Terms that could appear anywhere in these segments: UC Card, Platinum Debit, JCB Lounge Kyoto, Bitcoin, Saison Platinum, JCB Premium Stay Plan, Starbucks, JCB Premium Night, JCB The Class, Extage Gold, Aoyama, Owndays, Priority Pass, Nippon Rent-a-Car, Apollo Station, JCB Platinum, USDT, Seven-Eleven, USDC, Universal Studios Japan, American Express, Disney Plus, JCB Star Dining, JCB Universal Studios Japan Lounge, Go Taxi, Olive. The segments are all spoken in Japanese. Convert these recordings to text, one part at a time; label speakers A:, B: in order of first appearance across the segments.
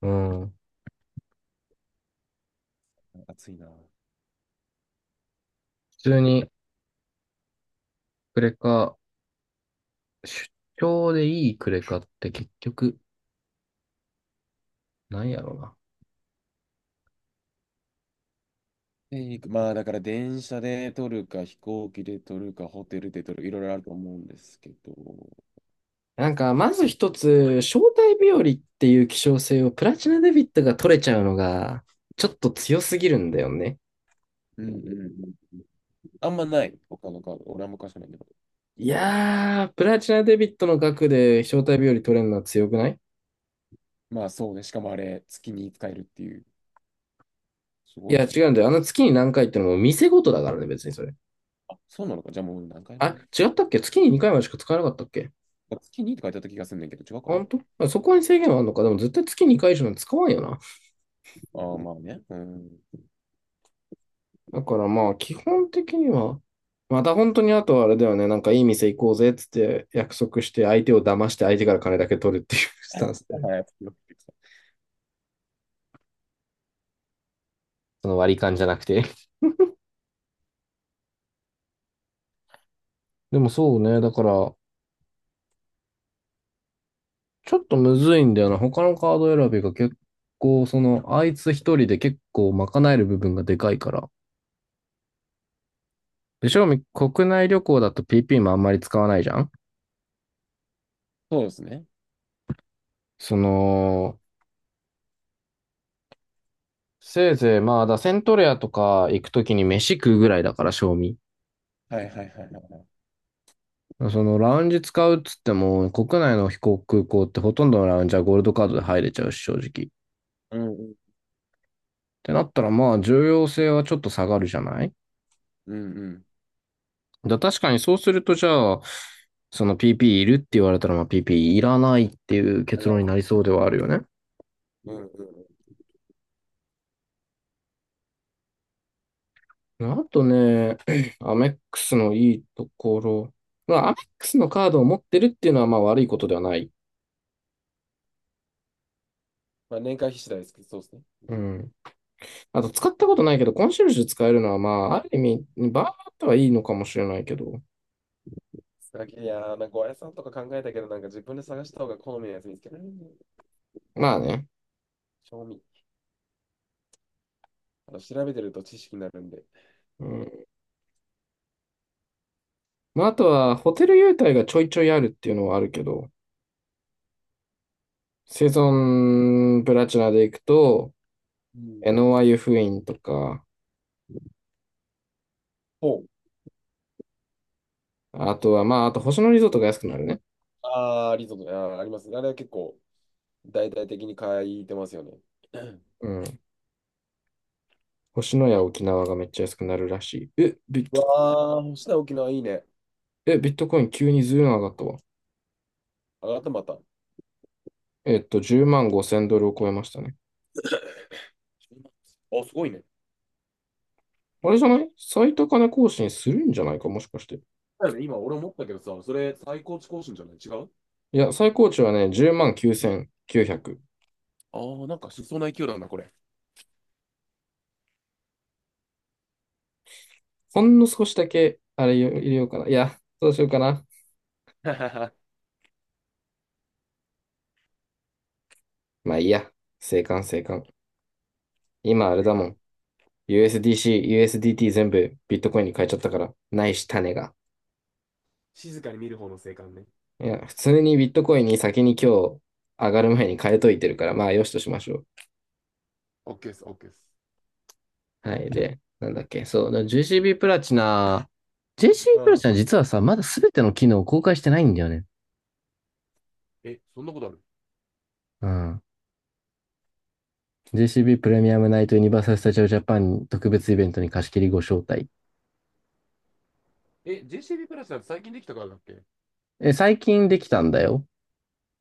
A: うん。
B: 暑いな。
A: 普通にクレカ、出張でいいクレカって結局、なんやろうな。
B: で、行くまあ、だから電車で撮るか、飛行機で撮るか、ホテルで撮る、いろいろあると思うんですけど、
A: なんか、まず一つ、招待日和っていう希少性をプラチナデビットが取れちゃうのが、ちょっと強すぎるんだよね。
B: うんうんうん。あんまない、他のカード。俺は昔ないけど。
A: いやー、プラチナデビットの額で招待日和取れるのは強くない？
B: まあそうね、しかもあれ、月に使えるっていう。す
A: い
B: ごい
A: や、
B: よ
A: 違
B: ね。
A: うんだよ。あの月に何回ってのも店ごとだからね、別にそれ。
B: あ、そうなのか。じゃあもう何回
A: あ、
B: 目や。
A: 違ったっけ？月に2回までしか使えなかったっけ？
B: 月にって書いてあった気がするんだけど、違うかな。
A: ほんとあそこに制限はあるのか？でも絶対月に2回以上なんて使わんよな。
B: ああ、まあね。うん。
A: だからまあ、基本的には、また本当にあとはあれだよね、なんかいい店行こうぜっつって約束して相手を騙して相手から金だけ取るっていうスタンスで。
B: はい、
A: その割り勘じゃなくて。でもそうね、だから、ちょっとむずいんだよな。他のカード選びが結構、その、あいつ一人で結構賄える部分がでかいから。で、正味国内旅行だと PP もあんまり使わないじゃん。
B: そうですね。
A: その、せいぜいまあ、だセントレアとか行くときに飯食うぐらいだから、正味。
B: はいはいはいはい。
A: そのラウンジ使うっつっても、国内の飛行空港ってほとんどのラウンジはゴールドカードで入れちゃうし、正直。っ
B: うんうん。
A: てなったら、まあ、重要性はちょっと下がるじゃない。
B: うんうん。
A: だ確かにそうすると、じゃあ、その PP いるって言われたら、まあ、PP いらないっていう
B: あ
A: 結論に
B: ら。
A: なりそうではあるよね。
B: うんうん。
A: あとね、アメックスのいいところ。まあ、アメックスのカードを持ってるっていうのは、まあ、悪いことではない。
B: まあ年会費次第ですけど、そうですね。う
A: う
B: ん。
A: ん。あと、使ったことないけど、コンシェルジュ使えるのは、まあ、ある意味、バーってはいいのかもしれないけど。
B: いやー、なんかおやつさんとか考えたけど、なんか自分で探した方が好みのやつ見つけられる。
A: まあね。
B: 賞味。あの調べてると知識になるんで。
A: うん。まあ、あとは、ホテル優待がちょいちょいあるっていうのはあるけど、セゾンプラチナで行くと、
B: うん。
A: エノワ湯布院とか、
B: ほう。
A: あとは、まあ、あと星野リゾートが安くなるね。
B: ああリゾート。あー、ありますね。あれは結構、大々的に書いてますよね。うん。
A: うん。星野や沖縄がめっちゃ安くなるらしい。え、ビッ
B: う
A: ト、
B: わー、星名沖縄いいね。
A: え、ビットコイン急にずいぶん上がったわ。
B: 上がったまた。あ、
A: 10万5千ドルを超えましたね。
B: すごいね。
A: あれじゃない、最高値更新するんじゃないかもしかして。
B: だよね今、俺思ったけどさ、それ最高値更新じゃない違う？
A: いや、最高値はね、10万9900。
B: ああー、なんかしそうな勢いだなんだ、これ。
A: ほんの少しだけ、あれ入れようかな。いや、どうしようかな。まあいいや。静観静観。今あれ
B: 静
A: だも
B: 観。
A: ん。USDC、USDT 全部ビットコインに変えちゃったから。ないし、種が。
B: 静かに見る方の静観ね。
A: いや、普通にビットコインに先に今日上がる前に変えといてるから、まあよしとしましょ
B: オッケーです、オッケーです。
A: う。はい。で、なんだっけ。そう。だから JCB プラチナ、
B: う
A: JCB プラチ
B: ん。
A: ナ実はさ、まだ全ての機能を公開してないんだよね。
B: え、そんなことある？
A: うん。JCB プレミアムナイトユニバーサル・スタジオ・ジャパン特別イベントに貸し切りご招待。
B: え、JCB プラスだと最近できたからだっけ？
A: え、最近できたんだよ。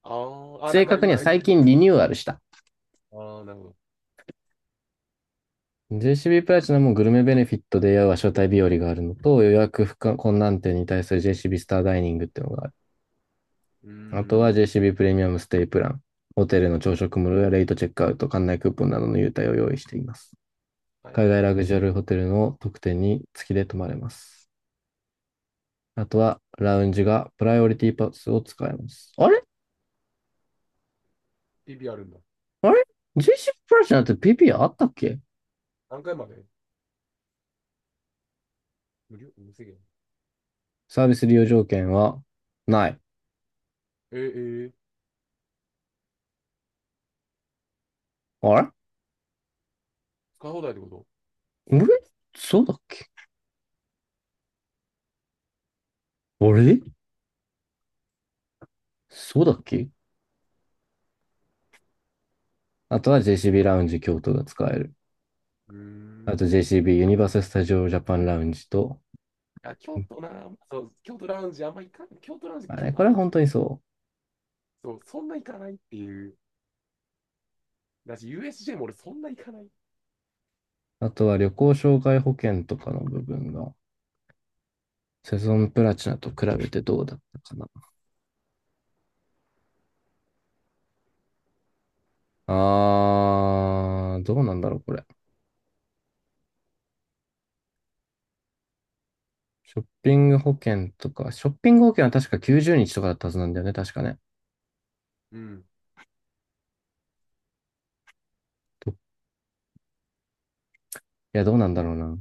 B: あーあ、だ
A: 正
B: から
A: 確に
B: 今
A: は
B: あれ。
A: 最近リニューアルした。
B: ああ、なるほど。
A: JCB プラチナもグルメベネフィットでは招待日和があるのと、予約不可困難点に対する JCB スターダイニングっていうのがある。
B: うー
A: あとは
B: ん。
A: JCB プレミアムステイプラン、ホテルの朝食無料やレイトチェックアウト、館内クーポンなどの優待を用意しています。
B: はいはい
A: 海外ラ
B: は
A: グジュア
B: い。
A: ルホテルの特典に月で泊まれます。あとはラウンジがプライオリティパスを使えます。あれ？
B: PB あるんだ。
A: あれ？ JCB プラチナって PP あったっけ？
B: 何回まで無料無制限。
A: サービス利用条件はない。
B: えー、えー、
A: あれ？
B: 使い放題ってこと？
A: あれ、そうだっけ？あれ、そうだっけ？あとは JCB ラウンジ京都が使える。
B: うー
A: あと
B: ん。
A: JCB ユニバーサル・スタジオ・ジャパンラウンジと、
B: あ、京都な、そう、京都ラウンジあんま行かない。京都ラウンジ、
A: まあ
B: 京
A: ね、
B: 都あ
A: こ
B: ん
A: れ
B: ま
A: は
B: 行か
A: 本
B: ない。
A: 当にそ
B: そう、そんな行かないっていう。だし、USJ も俺そんな行かない。
A: う。あとは旅行障害保険とかの部分が、セゾンプラチナと比べてどうだったかな。あー、どうなんだろう、これ。ショッピング保険とか、ショッピング保険は確か90日とかだったはずなんだよね、確かね。
B: うん。
A: いや、どうなんだろうな。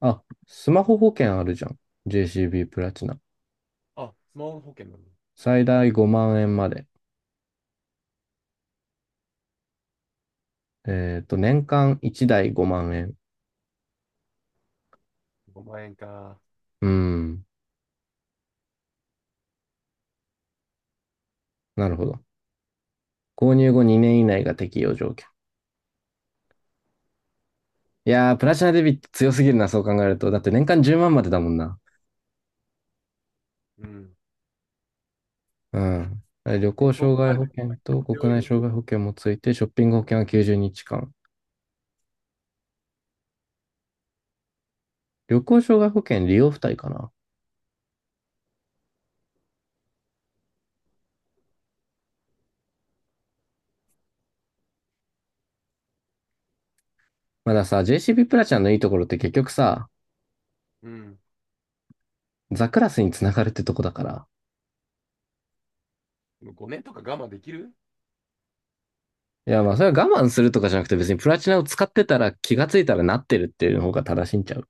A: あ、スマホ保険あるじゃん。JCB プラチナ。
B: あ、スマホ保険なの。
A: 最大5万円まで。年間1台5万円。
B: 5万円か。
A: うーん。なるほど。購入後2年以内が適用条件。いやー、プラチナデビット強すぎるな、そう考えると。だって年間10万まんまでだもんな。
B: うん。
A: うん。あれ、旅
B: え、
A: 行
B: そ
A: 障
B: こ
A: 害
B: まで
A: 保険と
B: 強
A: 国
B: い
A: 内
B: よ。
A: 障害保険もついて、ショッピング保険は90日間。旅行障害保険利用付帯かな。まださ、JCB プラチナのいいところって結局さ、
B: うん。
A: ザクラスにつながるってとこだから。
B: でも5年とか我慢できる？
A: いや、まあそれは我慢するとかじゃなくて、別にプラチナを使ってたら気がついたらなってるっていうの方が正しいんちゃう。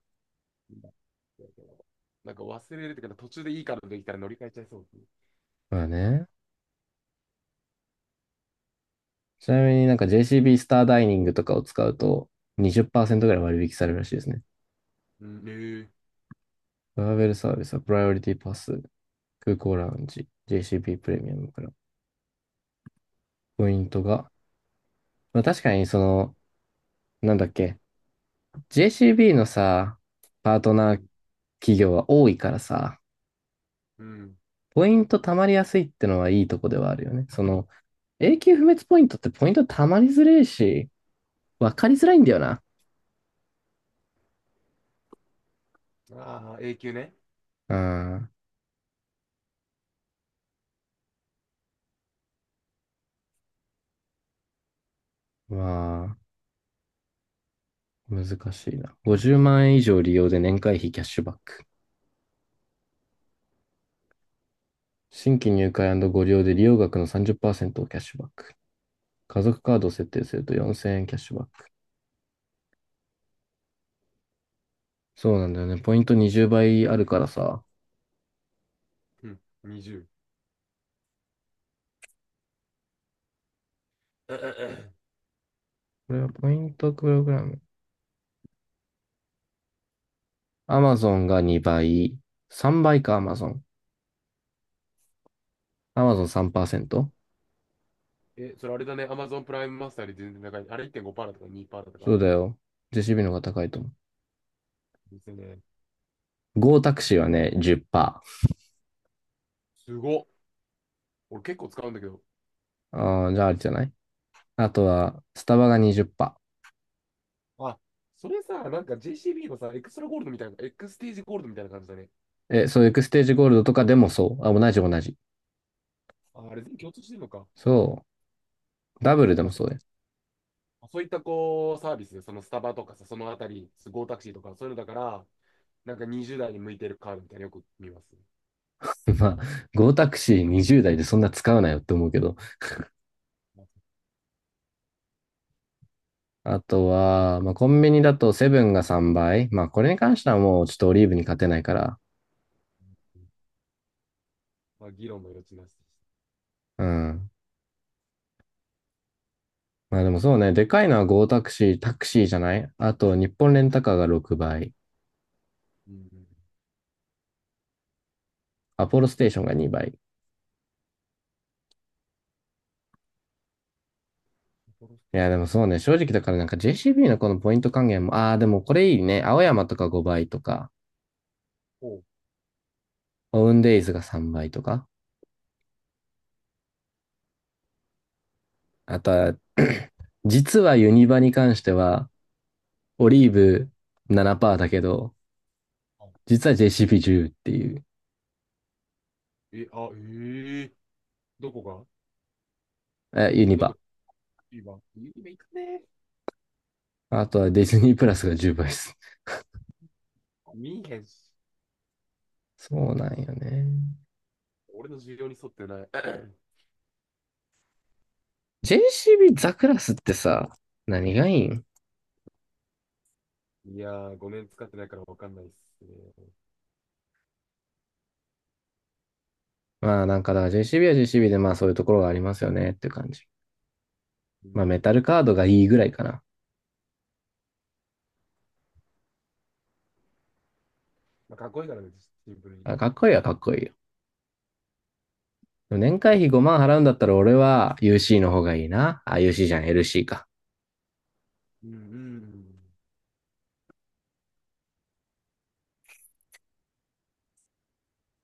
B: なんか忘れるっていうか、途中でいいカードできたら乗り換えちゃいそうですね。
A: まあね。ちなみになんか JCB スターダイニングとかを使うと20%ぐらい割引されるらしいですね。
B: うん、えー、
A: トラベルサービスはプライオリティパス、空港ラウンジ、JCB プレミアムから。ポイントが。まあ確かにその、なんだっけ、JCB のさ、パート
B: う
A: ナー
B: ん、
A: 企業は多いからさ、
B: うん。
A: ポイント貯まりやすいってのはいいとこではあるよね。その、永久不滅ポイントってポイント貯まりづれえし、わかりづらいんだよな。
B: ああ、永久ね。
A: うん。まあ、難しいな。50万円以上利用で年会費キャッシュバック。新規入会ご利用で利用額の30%をキャッシュバック。家族カードを設定すると4000円キャッシュバック。そうなんだよね。ポイント20倍あるからさ。
B: うん、20。え、え。
A: これはポイントプログラム。Amazon が2倍。3倍か Amazon。Amazon3%?
B: ええそれあれだね。Amazon プライムマスターより全然高い。あれいってんごパ5だとかにパーだとか。
A: そうだよ。JCB の方が高いと思う。
B: ですね。
A: Go タクシーはね、10%。
B: すごっ。俺結構使うんだけど。
A: ああ、じゃああれじゃない？あとは、スタバが20%。
B: あ、それさ、なんか JCB のさ、エクストラゴールドみたいな、エクステージゴールドみたいな感じだね。
A: え、そういうエクステージゴールドとかでもそう。あ、同じ同じ。
B: あ、あれ全部共通してるのか。
A: そう。ダブル
B: だ
A: で
B: か
A: も
B: ら
A: そうです。
B: そういったこう、サービスで、そのスタバとかさ、そのあたり、ゴータクシーとか、そういうのだから、なんか20代に向いてるカードみたいなのよく見ます。
A: まあ、ゴータクシー20台でそんな使うないよって思うけど。あとは、まあ、コンビニだとセブンが3倍。まあ、これに関してはもうちょっとオリーブに勝てないから。
B: まあ、議論の余地なしでした。
A: うん。まあでもそうね、でかいのはゴータクシー、タクシーじゃない、あと、日本レンタカーが6倍。
B: うんうん。
A: アポロステーションが2倍。い
B: 札幌ステー
A: や、
B: ショ
A: で
B: ンが
A: も
B: 見え
A: そう
B: てる。
A: ね、正直だからなんか JCB のこのポイント還元も、ああ、でもこれいいね。青山とか5倍とか、
B: おう。
A: オウンデイズが3倍とか。あとは、実はユニバに関しては、オ
B: はい。
A: リーブ7%だけど、
B: は
A: 実は JCP10 っていう、
B: い。え、あ、ええ、どこが？
A: え、ユニ
B: あ、どこ
A: バ。
B: 今。今行くね。
A: あとはディズニープラスが10倍です。
B: 見えへんし。
A: そうなんよね。
B: 俺の需要に沿ってない。
A: JCB ザクラスってさ、何がいいん？
B: いやー、5年使ってないから分かんないっすね。
A: まあなんかだから JCB は JCB でまあそういうところがありますよねっていう感じ。
B: う
A: まあ
B: ん。
A: メタルカードがいいぐらいかな。
B: まあ、かっこいいからね、シンプルに。
A: あ、かっこいいはかっこいいよ。でも年会費5万払うんだったら俺は UC の方がいいな。あ、UC じゃん、LC か。
B: うんうんうん。